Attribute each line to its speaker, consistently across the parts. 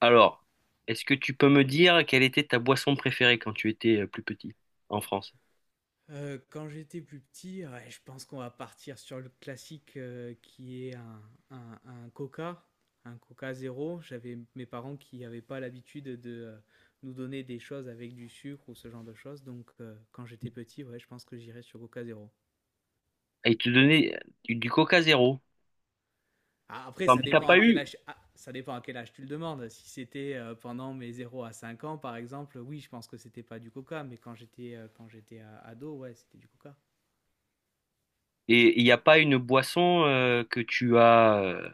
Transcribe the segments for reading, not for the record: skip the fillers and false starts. Speaker 1: Alors, est-ce que tu peux me dire quelle était ta boisson préférée quand tu étais plus petit en France?
Speaker 2: Quand j'étais plus petit, ouais, je pense qu'on va partir sur le classique, qui est un Coca, un Coca Zéro. J'avais mes parents qui n'avaient pas l'habitude de, nous donner des choses avec du sucre ou ce genre de choses, donc quand j'étais petit, ouais, je pense que j'irais sur Coca Zéro.
Speaker 1: Et ils te donnaient du Coca zéro.
Speaker 2: A après
Speaker 1: Non,
Speaker 2: ça
Speaker 1: mais t'as
Speaker 2: dépend
Speaker 1: pas
Speaker 2: à quel
Speaker 1: eu.
Speaker 2: âge ça dépend à quel âge tu le demandes. Si c'était, pendant mes 0 à 5 ans, par exemple, oui, je pense que c'était pas du Coca, mais quand j'étais a ado, ouais, c'était du Coca.
Speaker 1: Et il n'y a pas une boisson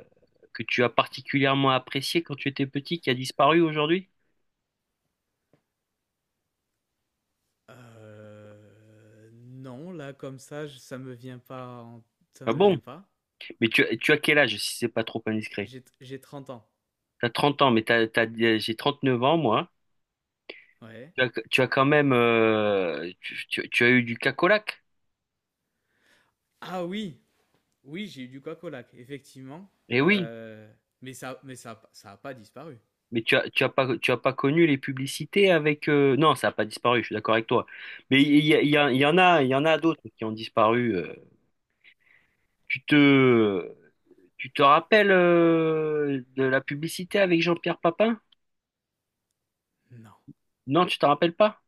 Speaker 1: que tu as particulièrement appréciée quand tu étais petit qui a disparu aujourd'hui?
Speaker 2: Non, là comme ça, j ça me vient pas en ça
Speaker 1: Ah
Speaker 2: me vient
Speaker 1: bon?
Speaker 2: pas.
Speaker 1: Mais tu as quel âge si c'est pas trop indiscret?
Speaker 2: J'ai 30 ans.
Speaker 1: T'as 30 ans, mais j'ai 39 ans moi, hein.
Speaker 2: Ouais.
Speaker 1: Tu as quand même tu as eu du cacolac?
Speaker 2: Ah oui! Oui, j'ai eu du coq au lac, effectivement,
Speaker 1: Eh oui.
Speaker 2: heu, mais ça a pas disparu.
Speaker 1: Mais tu as pas connu les publicités avec... Non, ça n'a pas disparu, je suis d'accord avec toi. Mais il y, a- il y, a- il y en a, il y en a d'autres qui ont disparu. Tu te, tu te rappelles de la publicité avec Jean-Pierre Papin?
Speaker 2: Non.
Speaker 1: Non, tu te rappelles pas?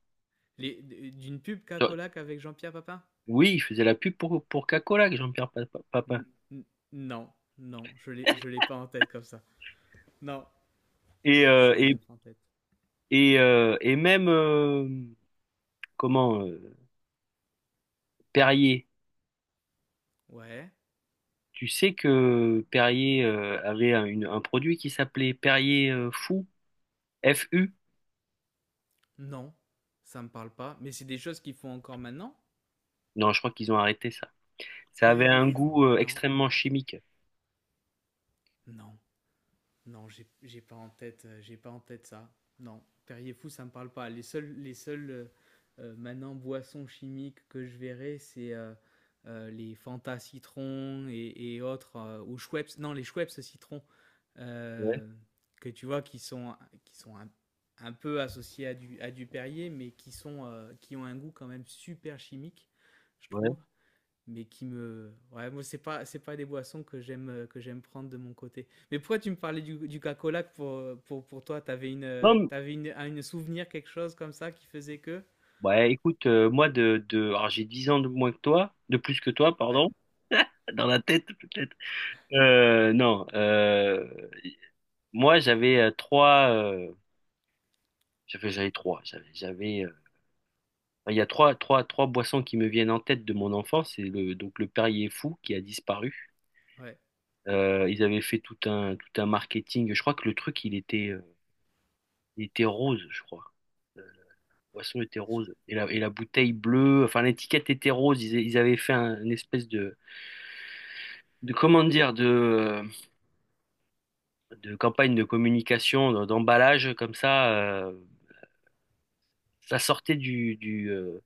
Speaker 2: Les d'une pub
Speaker 1: Genre,
Speaker 2: Cacolac avec Jean-Pierre Papin?
Speaker 1: oui, il faisait la pub pour Coca-Cola, Jean-Pierre Papin.
Speaker 2: N n Non, non, je l'ai pas en tête comme ça. Non,
Speaker 1: Et, euh,
Speaker 2: ça me
Speaker 1: et,
Speaker 2: vient pas en tête.
Speaker 1: et même, comment, Perrier.
Speaker 2: Ouais.
Speaker 1: Tu sais que Perrier avait un produit qui s'appelait Perrier Fou, F U.
Speaker 2: Non, ça me parle pas, mais c'est des choses qu'ils font encore maintenant?
Speaker 1: Non, je crois qu'ils ont arrêté ça. Ça avait
Speaker 2: Perrier
Speaker 1: un
Speaker 2: Fou?
Speaker 1: goût
Speaker 2: Non,
Speaker 1: extrêmement chimique.
Speaker 2: non. Non, j'ai pas en tête, j'ai pas en tête ça. Non, Perrier Fou, ça me parle pas. Les seuls maintenant boissons chimiques que je verrai, c'est les Fanta citron et autres, ou Schweppes, non, les Schweppes citron,
Speaker 1: Ouais,
Speaker 2: euh, que tu vois qui sont un peu associés à du Perrier, mais qui, sont, qui ont un goût quand même super chimique, je
Speaker 1: ouais.
Speaker 2: trouve mais qui me ouais moi c'est pas des boissons que j'aime prendre de mon côté mais pourquoi tu me parlais du Coca-Cola pour pour toi
Speaker 1: Non, mais-
Speaker 2: t'avais une un une souvenir quelque chose comme ça qui faisait que
Speaker 1: ouais, écoute, moi, alors j'ai 10 ans de moins que toi, de plus que toi,
Speaker 2: ouais
Speaker 1: pardon, dans la tête, peut-être. Non, moi, j'avais, j'avais trois, j'avais, j'avais, euh, il y a trois boissons qui me viennent en tête de mon enfance. Donc le Perrier Fou qui a disparu.
Speaker 2: ouais
Speaker 1: Ils avaient fait tout un marketing. Je crois que le truc, il était rose, je crois. Boisson était rose. Et la bouteille bleue, enfin l'étiquette était rose. Ils avaient fait une espèce de comment dire, de campagne de communication, d'emballage comme ça. Ça sortait du, du, euh,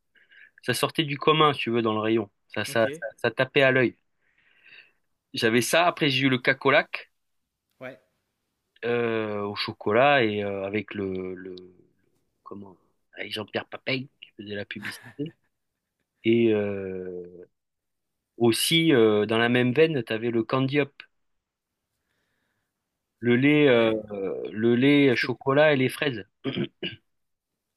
Speaker 1: ça sortait du commun, si tu veux, dans le rayon. Ça, ça,
Speaker 2: ok
Speaker 1: ça, ça tapait à l'œil. J'avais ça. Après, j'ai eu le cacolac
Speaker 2: ouais
Speaker 1: au chocolat et avec comment, avec Jean-Pierre Papin qui faisait la publicité. Et aussi, dans la même veine, tu avais le candy-up. Le lait, euh,
Speaker 2: ouais
Speaker 1: le lait
Speaker 2: c'était
Speaker 1: chocolat et les fraises. Tu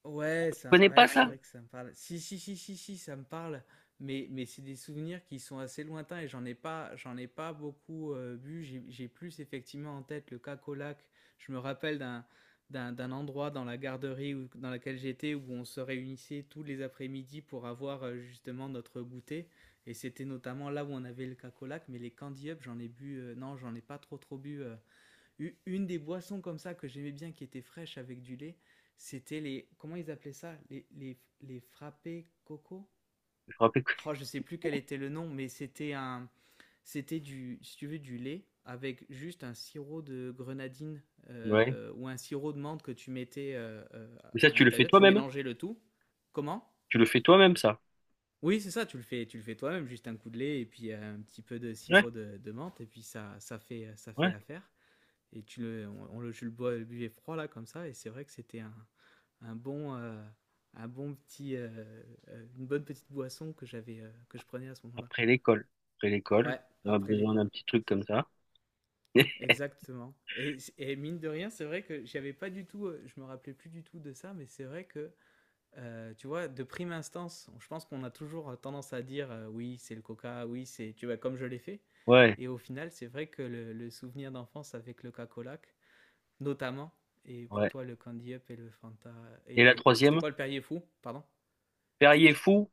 Speaker 2: Ouais, ça,
Speaker 1: connais
Speaker 2: ouais,
Speaker 1: pas
Speaker 2: c'est
Speaker 1: ça?
Speaker 2: vrai que ça me parle. Si, si, si, si, si, ça me parle. Mais c'est des souvenirs qui sont assez lointains et j'en ai pas beaucoup bu. J'ai plus effectivement en tête le Cacolac. Je me rappelle d'un, d'un endroit dans la garderie où- dans laquelle j'étais où on se réunissait tous les après-midi pour avoir justement notre goûter. Et c'était notamment là où on avait le Cacolac. Mais les Candy Up, j'en ai bu, non, j'en ai pas trop bu. U- Une des boissons comme ça que j'aimais bien, qui était fraîche avec du lait, c'était les... Comment ils appelaient ça? Les frappés coco?
Speaker 1: Je me rappelle que-
Speaker 2: Oh, je sais plus quel était le nom, mais c'était un... C'était du, si tu veux, du lait avec juste un sirop de grenadine
Speaker 1: Ouais.
Speaker 2: ou un sirop de menthe que tu mettais
Speaker 1: Mais ça,
Speaker 2: à
Speaker 1: tu le fais
Speaker 2: l'intérieur. Tu
Speaker 1: toi-même?
Speaker 2: mélangeais le tout. Comment?
Speaker 1: Tu le fais toi-même, ça?
Speaker 2: Oui, c'est ça, tu le fais toi-même, juste un coup de lait et puis un petit peu de
Speaker 1: Ouais,
Speaker 2: sirop de menthe et puis ça fait
Speaker 1: ouais.
Speaker 2: l'affaire et je le buvais froid là comme ça, et c'est vrai que c'était un bon, euh, un bon petit, une bonne petite boisson que j'avais, que je prenais à ce moment-là.
Speaker 1: Après l'école. Après l'école,
Speaker 2: Ouais,
Speaker 1: on a
Speaker 2: après
Speaker 1: besoin d'un
Speaker 2: l'école.
Speaker 1: petit truc comme ça.
Speaker 2: Exactement. Mine de rien, c'est vrai que j'avais pas du tout, je me rappelais plus du tout de ça, mais c'est vrai que, tu vois, de prime instance, je pense qu'on a toujours tendance à dire, oui, c'est le coca, oui, c'est, tu vois, comme je l'ai fait.
Speaker 1: Ouais,
Speaker 2: Et au final, c'est vrai que le souvenir d'enfance avec le cacolac, notamment. Et pour
Speaker 1: ouais.
Speaker 2: toi, le Candy Up et le Fanta. Et
Speaker 1: Et la
Speaker 2: le... C'était
Speaker 1: troisième,
Speaker 2: quoi le Perrier Fou Pardon
Speaker 1: Perrier Fou,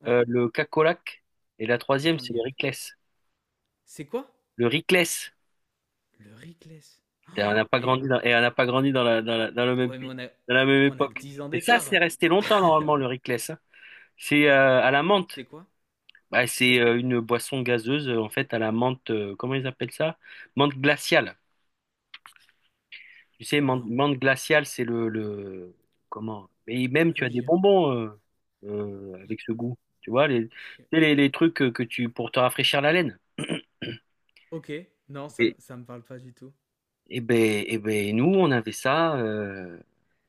Speaker 2: Ouais,
Speaker 1: le cacolac. Et la
Speaker 2: et
Speaker 1: troisième, c'est
Speaker 2: Candy
Speaker 1: le
Speaker 2: Up.
Speaker 1: Ricless.
Speaker 2: C'est quoi
Speaker 1: Le Ricless.
Speaker 2: Le Rickless.
Speaker 1: Et on n'a pas
Speaker 2: Mais
Speaker 1: grandi dans, et on n'a pas grandi dans le même
Speaker 2: ouais, mais
Speaker 1: pays, dans la même
Speaker 2: on a que
Speaker 1: époque.
Speaker 2: 10 ans
Speaker 1: Et ça, c'est
Speaker 2: d'écart.
Speaker 1: resté longtemps, normalement, le Ricless, hein. C'est à la menthe.
Speaker 2: C'est quoi
Speaker 1: Bah, c'est
Speaker 2: Ri-
Speaker 1: une boisson gazeuse, en fait, à la menthe, comment ils appellent ça? Menthe glaciale. Tu sais, menthe,
Speaker 2: Non.
Speaker 1: menthe glaciale, c'est le... Comment? Et même,
Speaker 2: Ah
Speaker 1: tu as
Speaker 2: oui,
Speaker 1: des bonbons
Speaker 2: j'y-
Speaker 1: avec ce goût. Tu vois, les, tu
Speaker 2: ai-
Speaker 1: sais, les, les trucs que tu... pour te rafraîchir la laine.
Speaker 2: Ok, non, ça,
Speaker 1: Et,
Speaker 2: ça me parle pas du tout.
Speaker 1: et ben, nous, on avait ça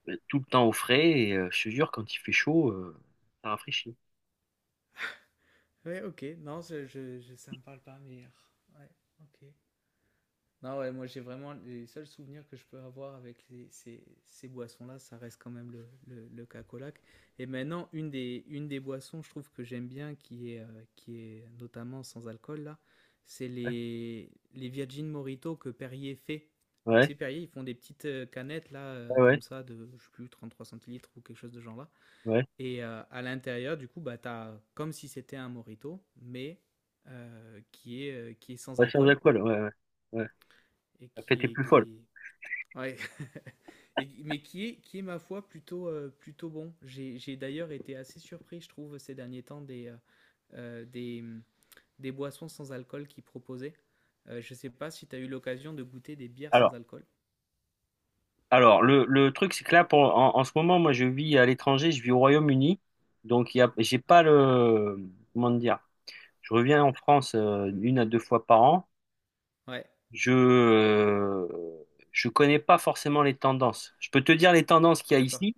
Speaker 1: ben, tout le temps au frais. Et je te jure, quand il fait chaud, ça rafraîchit.
Speaker 2: Ouais, ok, non, je- ça me parle pas, mais. Ah, Ouais, ok. Non, ouais, moi j'ai vraiment les seuls souvenirs que je peux avoir avec les- ces, ces boissons-là, ça reste quand même le cacolac. Et maintenant, une des boissons, je trouve que j'aime bien, qui est notamment sans alcool, là, c'est les Virgin Morito que Perrier fait. Tu
Speaker 1: Ouais,
Speaker 2: sais, Perrier, ils font des petites canettes, là,
Speaker 1: ouais, ouais,
Speaker 2: comme ça, de, je sais plus, 33 centilitres ou quelque chose de genre là.
Speaker 1: ouais.
Speaker 2: Et à l'intérieur, du coup, bah, t'as comme si c'était un Morito, mais qui est sans
Speaker 1: Ouais, sans
Speaker 2: alcool
Speaker 1: alcool, ouais, ouais, ouais.
Speaker 2: et
Speaker 1: La fête est plus folle.
Speaker 2: qui est Ouais. Et- mais qui est, ma foi, plutôt, plutôt bon. J'ai d'ailleurs été assez surpris, je trouve, ces derniers temps, euh, des, des boissons sans alcool qu'ils proposaient. Je sais pas si tu as eu l'occasion de goûter des bières sans
Speaker 1: Alors,
Speaker 2: alcool.
Speaker 1: Le truc, c'est que là, en ce moment, moi, je vis à l'étranger, je vis au Royaume-Uni. Donc, il y a, j'ai
Speaker 2: Ouais,
Speaker 1: pas le. Comment dire? Je reviens en France une à deux fois par an.
Speaker 2: ouais,
Speaker 1: Je euh, je connais pas forcément les tendances. Je peux te dire les tendances qu'il y a
Speaker 2: d'accord.
Speaker 1: ici.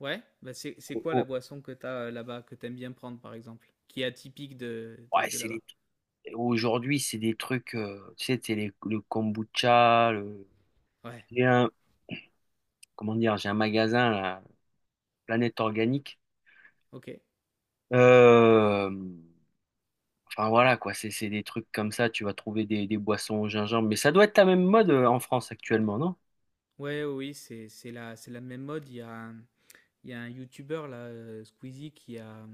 Speaker 2: Ouais, bah c'est
Speaker 1: Oh,
Speaker 2: quoi la
Speaker 1: oh,
Speaker 2: boisson que tu as là-bas, que tu aimes bien prendre, par exemple, qui est atypique
Speaker 1: ouais,
Speaker 2: de
Speaker 1: c'est
Speaker 2: là-bas?
Speaker 1: les- Aujourd'hui, c'est des trucs, tu sais, le kombucha. Le...
Speaker 2: Ouais,
Speaker 1: J'ai un, comment dire? J'ai un magasin, la Planète Organique.
Speaker 2: ok.
Speaker 1: Euh, Enfin voilà quoi, c'est des trucs comme ça, tu vas trouver des boissons au gingembre, mais ça doit être la même mode en France actuellement, non?
Speaker 2: Ouais, oui, oui, c'est la même mode. Il y a un- Il y a un YouTuber là, Squeezie,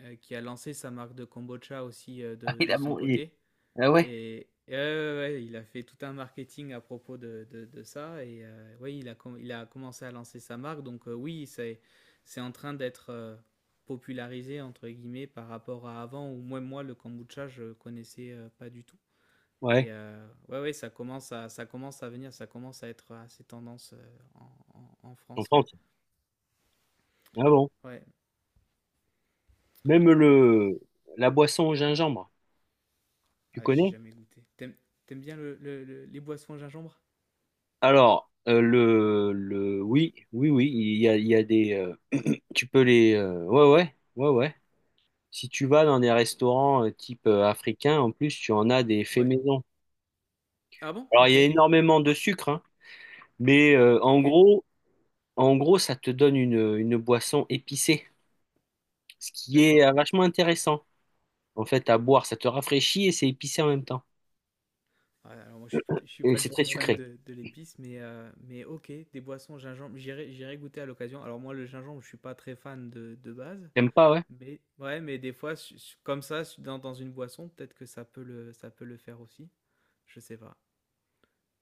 Speaker 2: qui a lancé sa marque de kombucha aussi
Speaker 1: Ah, il
Speaker 2: de
Speaker 1: a
Speaker 2: son
Speaker 1: bon,
Speaker 2: côté.
Speaker 1: ah ouais,
Speaker 2: Ouais, ouais, ouais, il a fait tout un marketing à propos de ça. Et ouais, il a commencé à lancer sa marque. Donc oui, c'est en train d'être popularisé, entre guillemets, par rapport à avant, où moi le kombucha, je connaissais pas du tout.
Speaker 1: ouais,
Speaker 2: Et ouais, ouais, ça commence à venir, ça commence à être assez tendance en
Speaker 1: en
Speaker 2: France, ouais.
Speaker 1: France. Ah bon.
Speaker 2: Ouais.
Speaker 1: Même le la boisson au gingembre, tu
Speaker 2: Ah, j'ai
Speaker 1: connais?
Speaker 2: jamais goûté. T'aimes bien les boissons à gingembre
Speaker 1: Alors, le oui, oui oui, il y a des tu peux les ouais ouais, ouais ouais. Si tu vas dans des restaurants type africain, en plus tu en as des faits
Speaker 2: Ouais.
Speaker 1: maison.
Speaker 2: Ah bon
Speaker 1: Alors il
Speaker 2: Ok,
Speaker 1: y a énormément de sucre, hein, mais
Speaker 2: ok,
Speaker 1: en gros, ça te donne une boisson épicée, ce qui est
Speaker 2: d'accord.
Speaker 1: vachement intéressant, en fait, à boire. Ça te rafraîchit et c'est épicé en même temps.
Speaker 2: Ouais, alors moi je suis
Speaker 1: Et
Speaker 2: pas
Speaker 1: c'est
Speaker 2: du
Speaker 1: très
Speaker 2: tout fan
Speaker 1: sucré.
Speaker 2: de l'épice, mais ok, des boissons au gingembre, j'irai goûter à l'occasion. Alors moi le gingembre, je suis pas très fan de base,
Speaker 1: T'aimes pas, ouais?
Speaker 2: mais ouais, mais des fois comme ça dans, dans une boisson, peut-être que ça peut le faire aussi. Je sais pas.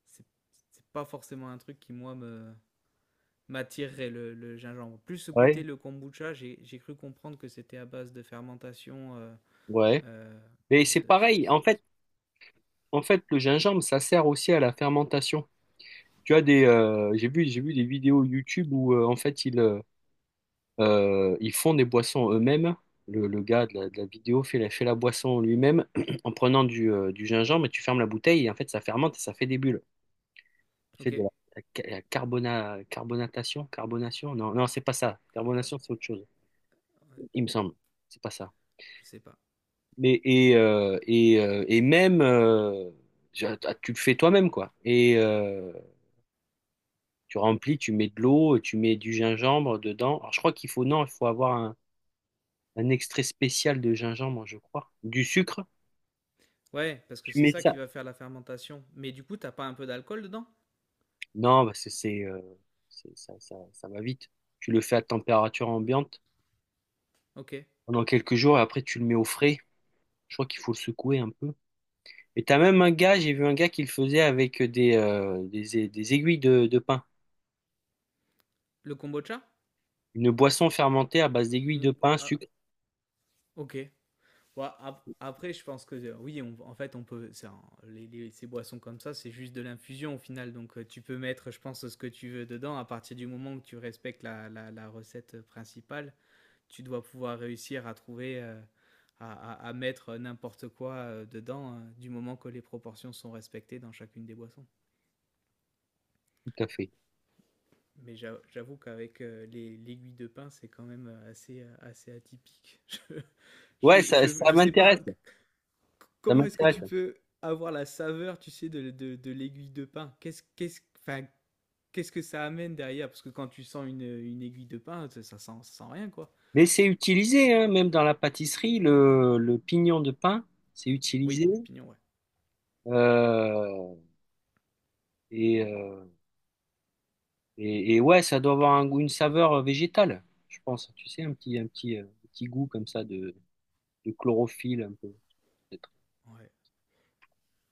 Speaker 2: C'est, c'est pas forcément un truc qui moi me, m'attirerait le gingembre. Plus goûter
Speaker 1: Ouais.
Speaker 2: le kombucha, j'ai cru comprendre que c'était à base de fermentation
Speaker 1: Ouais.
Speaker 2: euh,
Speaker 1: Mais c'est
Speaker 2: de ce-
Speaker 1: pareil. En
Speaker 2: cette
Speaker 1: fait,
Speaker 2: boisson.
Speaker 1: en fait, le gingembre, ça sert aussi à la fermentation. J'ai vu des vidéos YouTube où, en fait, ils font des boissons eux-mêmes. Le gars de la vidéo fait la boisson lui-même en prenant du gingembre et tu fermes la bouteille et en fait, ça fermente et ça fait des bulles. Fait
Speaker 2: Ok,
Speaker 1: de la carbonatation, carbonation? Non, non, c'est pas ça.
Speaker 2: euh,
Speaker 1: Carbonation, c'est autre chose, il me semble. C'est pas ça.
Speaker 2: je sais pas.
Speaker 1: Mais et même tu tu le fais toi-même quoi. Et tu remplis, tu mets de l'eau, tu mets du gingembre dedans. Alors je crois qu'il faut non, il faut avoir un extrait spécial de gingembre, je crois. Du sucre,
Speaker 2: Ouais, parce que
Speaker 1: tu
Speaker 2: c'est
Speaker 1: mets
Speaker 2: ça qui
Speaker 1: ça.
Speaker 2: va faire la fermentation. Mais du coup, t'as pas un peu d'alcool dedans?
Speaker 1: Non, parce que ça, ça va vite. Tu le fais à température ambiante
Speaker 2: Ok. Et
Speaker 1: pendant quelques jours et après tu le mets au frais. Je crois qu'il faut le secouer un peu. Et t'as même un gars, j'ai vu un gars qui le faisait avec des aiguilles de pain.
Speaker 2: le kombucha?
Speaker 1: Une boisson fermentée à base d'aiguilles de
Speaker 2: Une-
Speaker 1: pain,
Speaker 2: ah,
Speaker 1: sucre
Speaker 2: ok. Ouais, après, je pense que oui, en fait, on peut. C'est un- ces boissons comme ça, c'est juste de l'infusion au final. Donc, tu peux mettre, je pense, ce que tu veux dedans à partir du moment où tu respectes la recette principale. Tu dois pouvoir réussir à trouver, à mettre n'importe quoi dedans, du moment que les proportions sont respectées dans chacune des boissons.
Speaker 1: tout café.
Speaker 2: Mais j'avoue qu'avec l'aiguille de pain, c'est quand même assez, assez atypique.
Speaker 1: Ouais, ça, ça
Speaker 2: Je sais pas
Speaker 1: m'intéresse. Ça
Speaker 2: comment est-ce que
Speaker 1: m'intéresse.
Speaker 2: tu peux avoir la saveur, tu sais, de l'aiguille de pain. Enfin, qu'est-ce que ça amène derrière Parce que quand tu sens une aiguille de pain, ça sent rien, quoi.
Speaker 1: Mais c'est utilisé, hein, même dans la pâtisserie, le pignon de pain, c'est
Speaker 2: Oui,
Speaker 1: utilisé.
Speaker 2: le pignon, ouais.
Speaker 1: Euh, et, euh, ouais, ça doit avoir une saveur végétale, je pense. Tu sais, un petit goût comme ça de chlorophylle un peu.
Speaker 2: Ouais,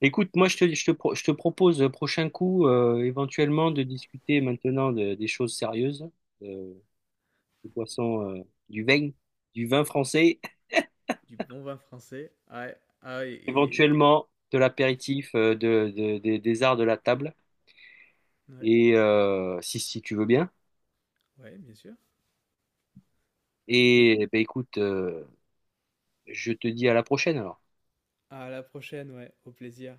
Speaker 1: Écoute, moi, je te propose prochain coup, éventuellement, de discuter maintenant des choses sérieuses, euh, des boissons, du vin, du vin, français,
Speaker 2: du bon vin français. Et-
Speaker 1: éventuellement de l'apéritif, des arts de la table,
Speaker 2: ouais,
Speaker 1: et si tu veux bien.
Speaker 2: ouais, bien sûr. Et
Speaker 1: Et eh ben écoute, je te dis à la prochaine alors.
Speaker 2: à la prochaine, ouais, au plaisir.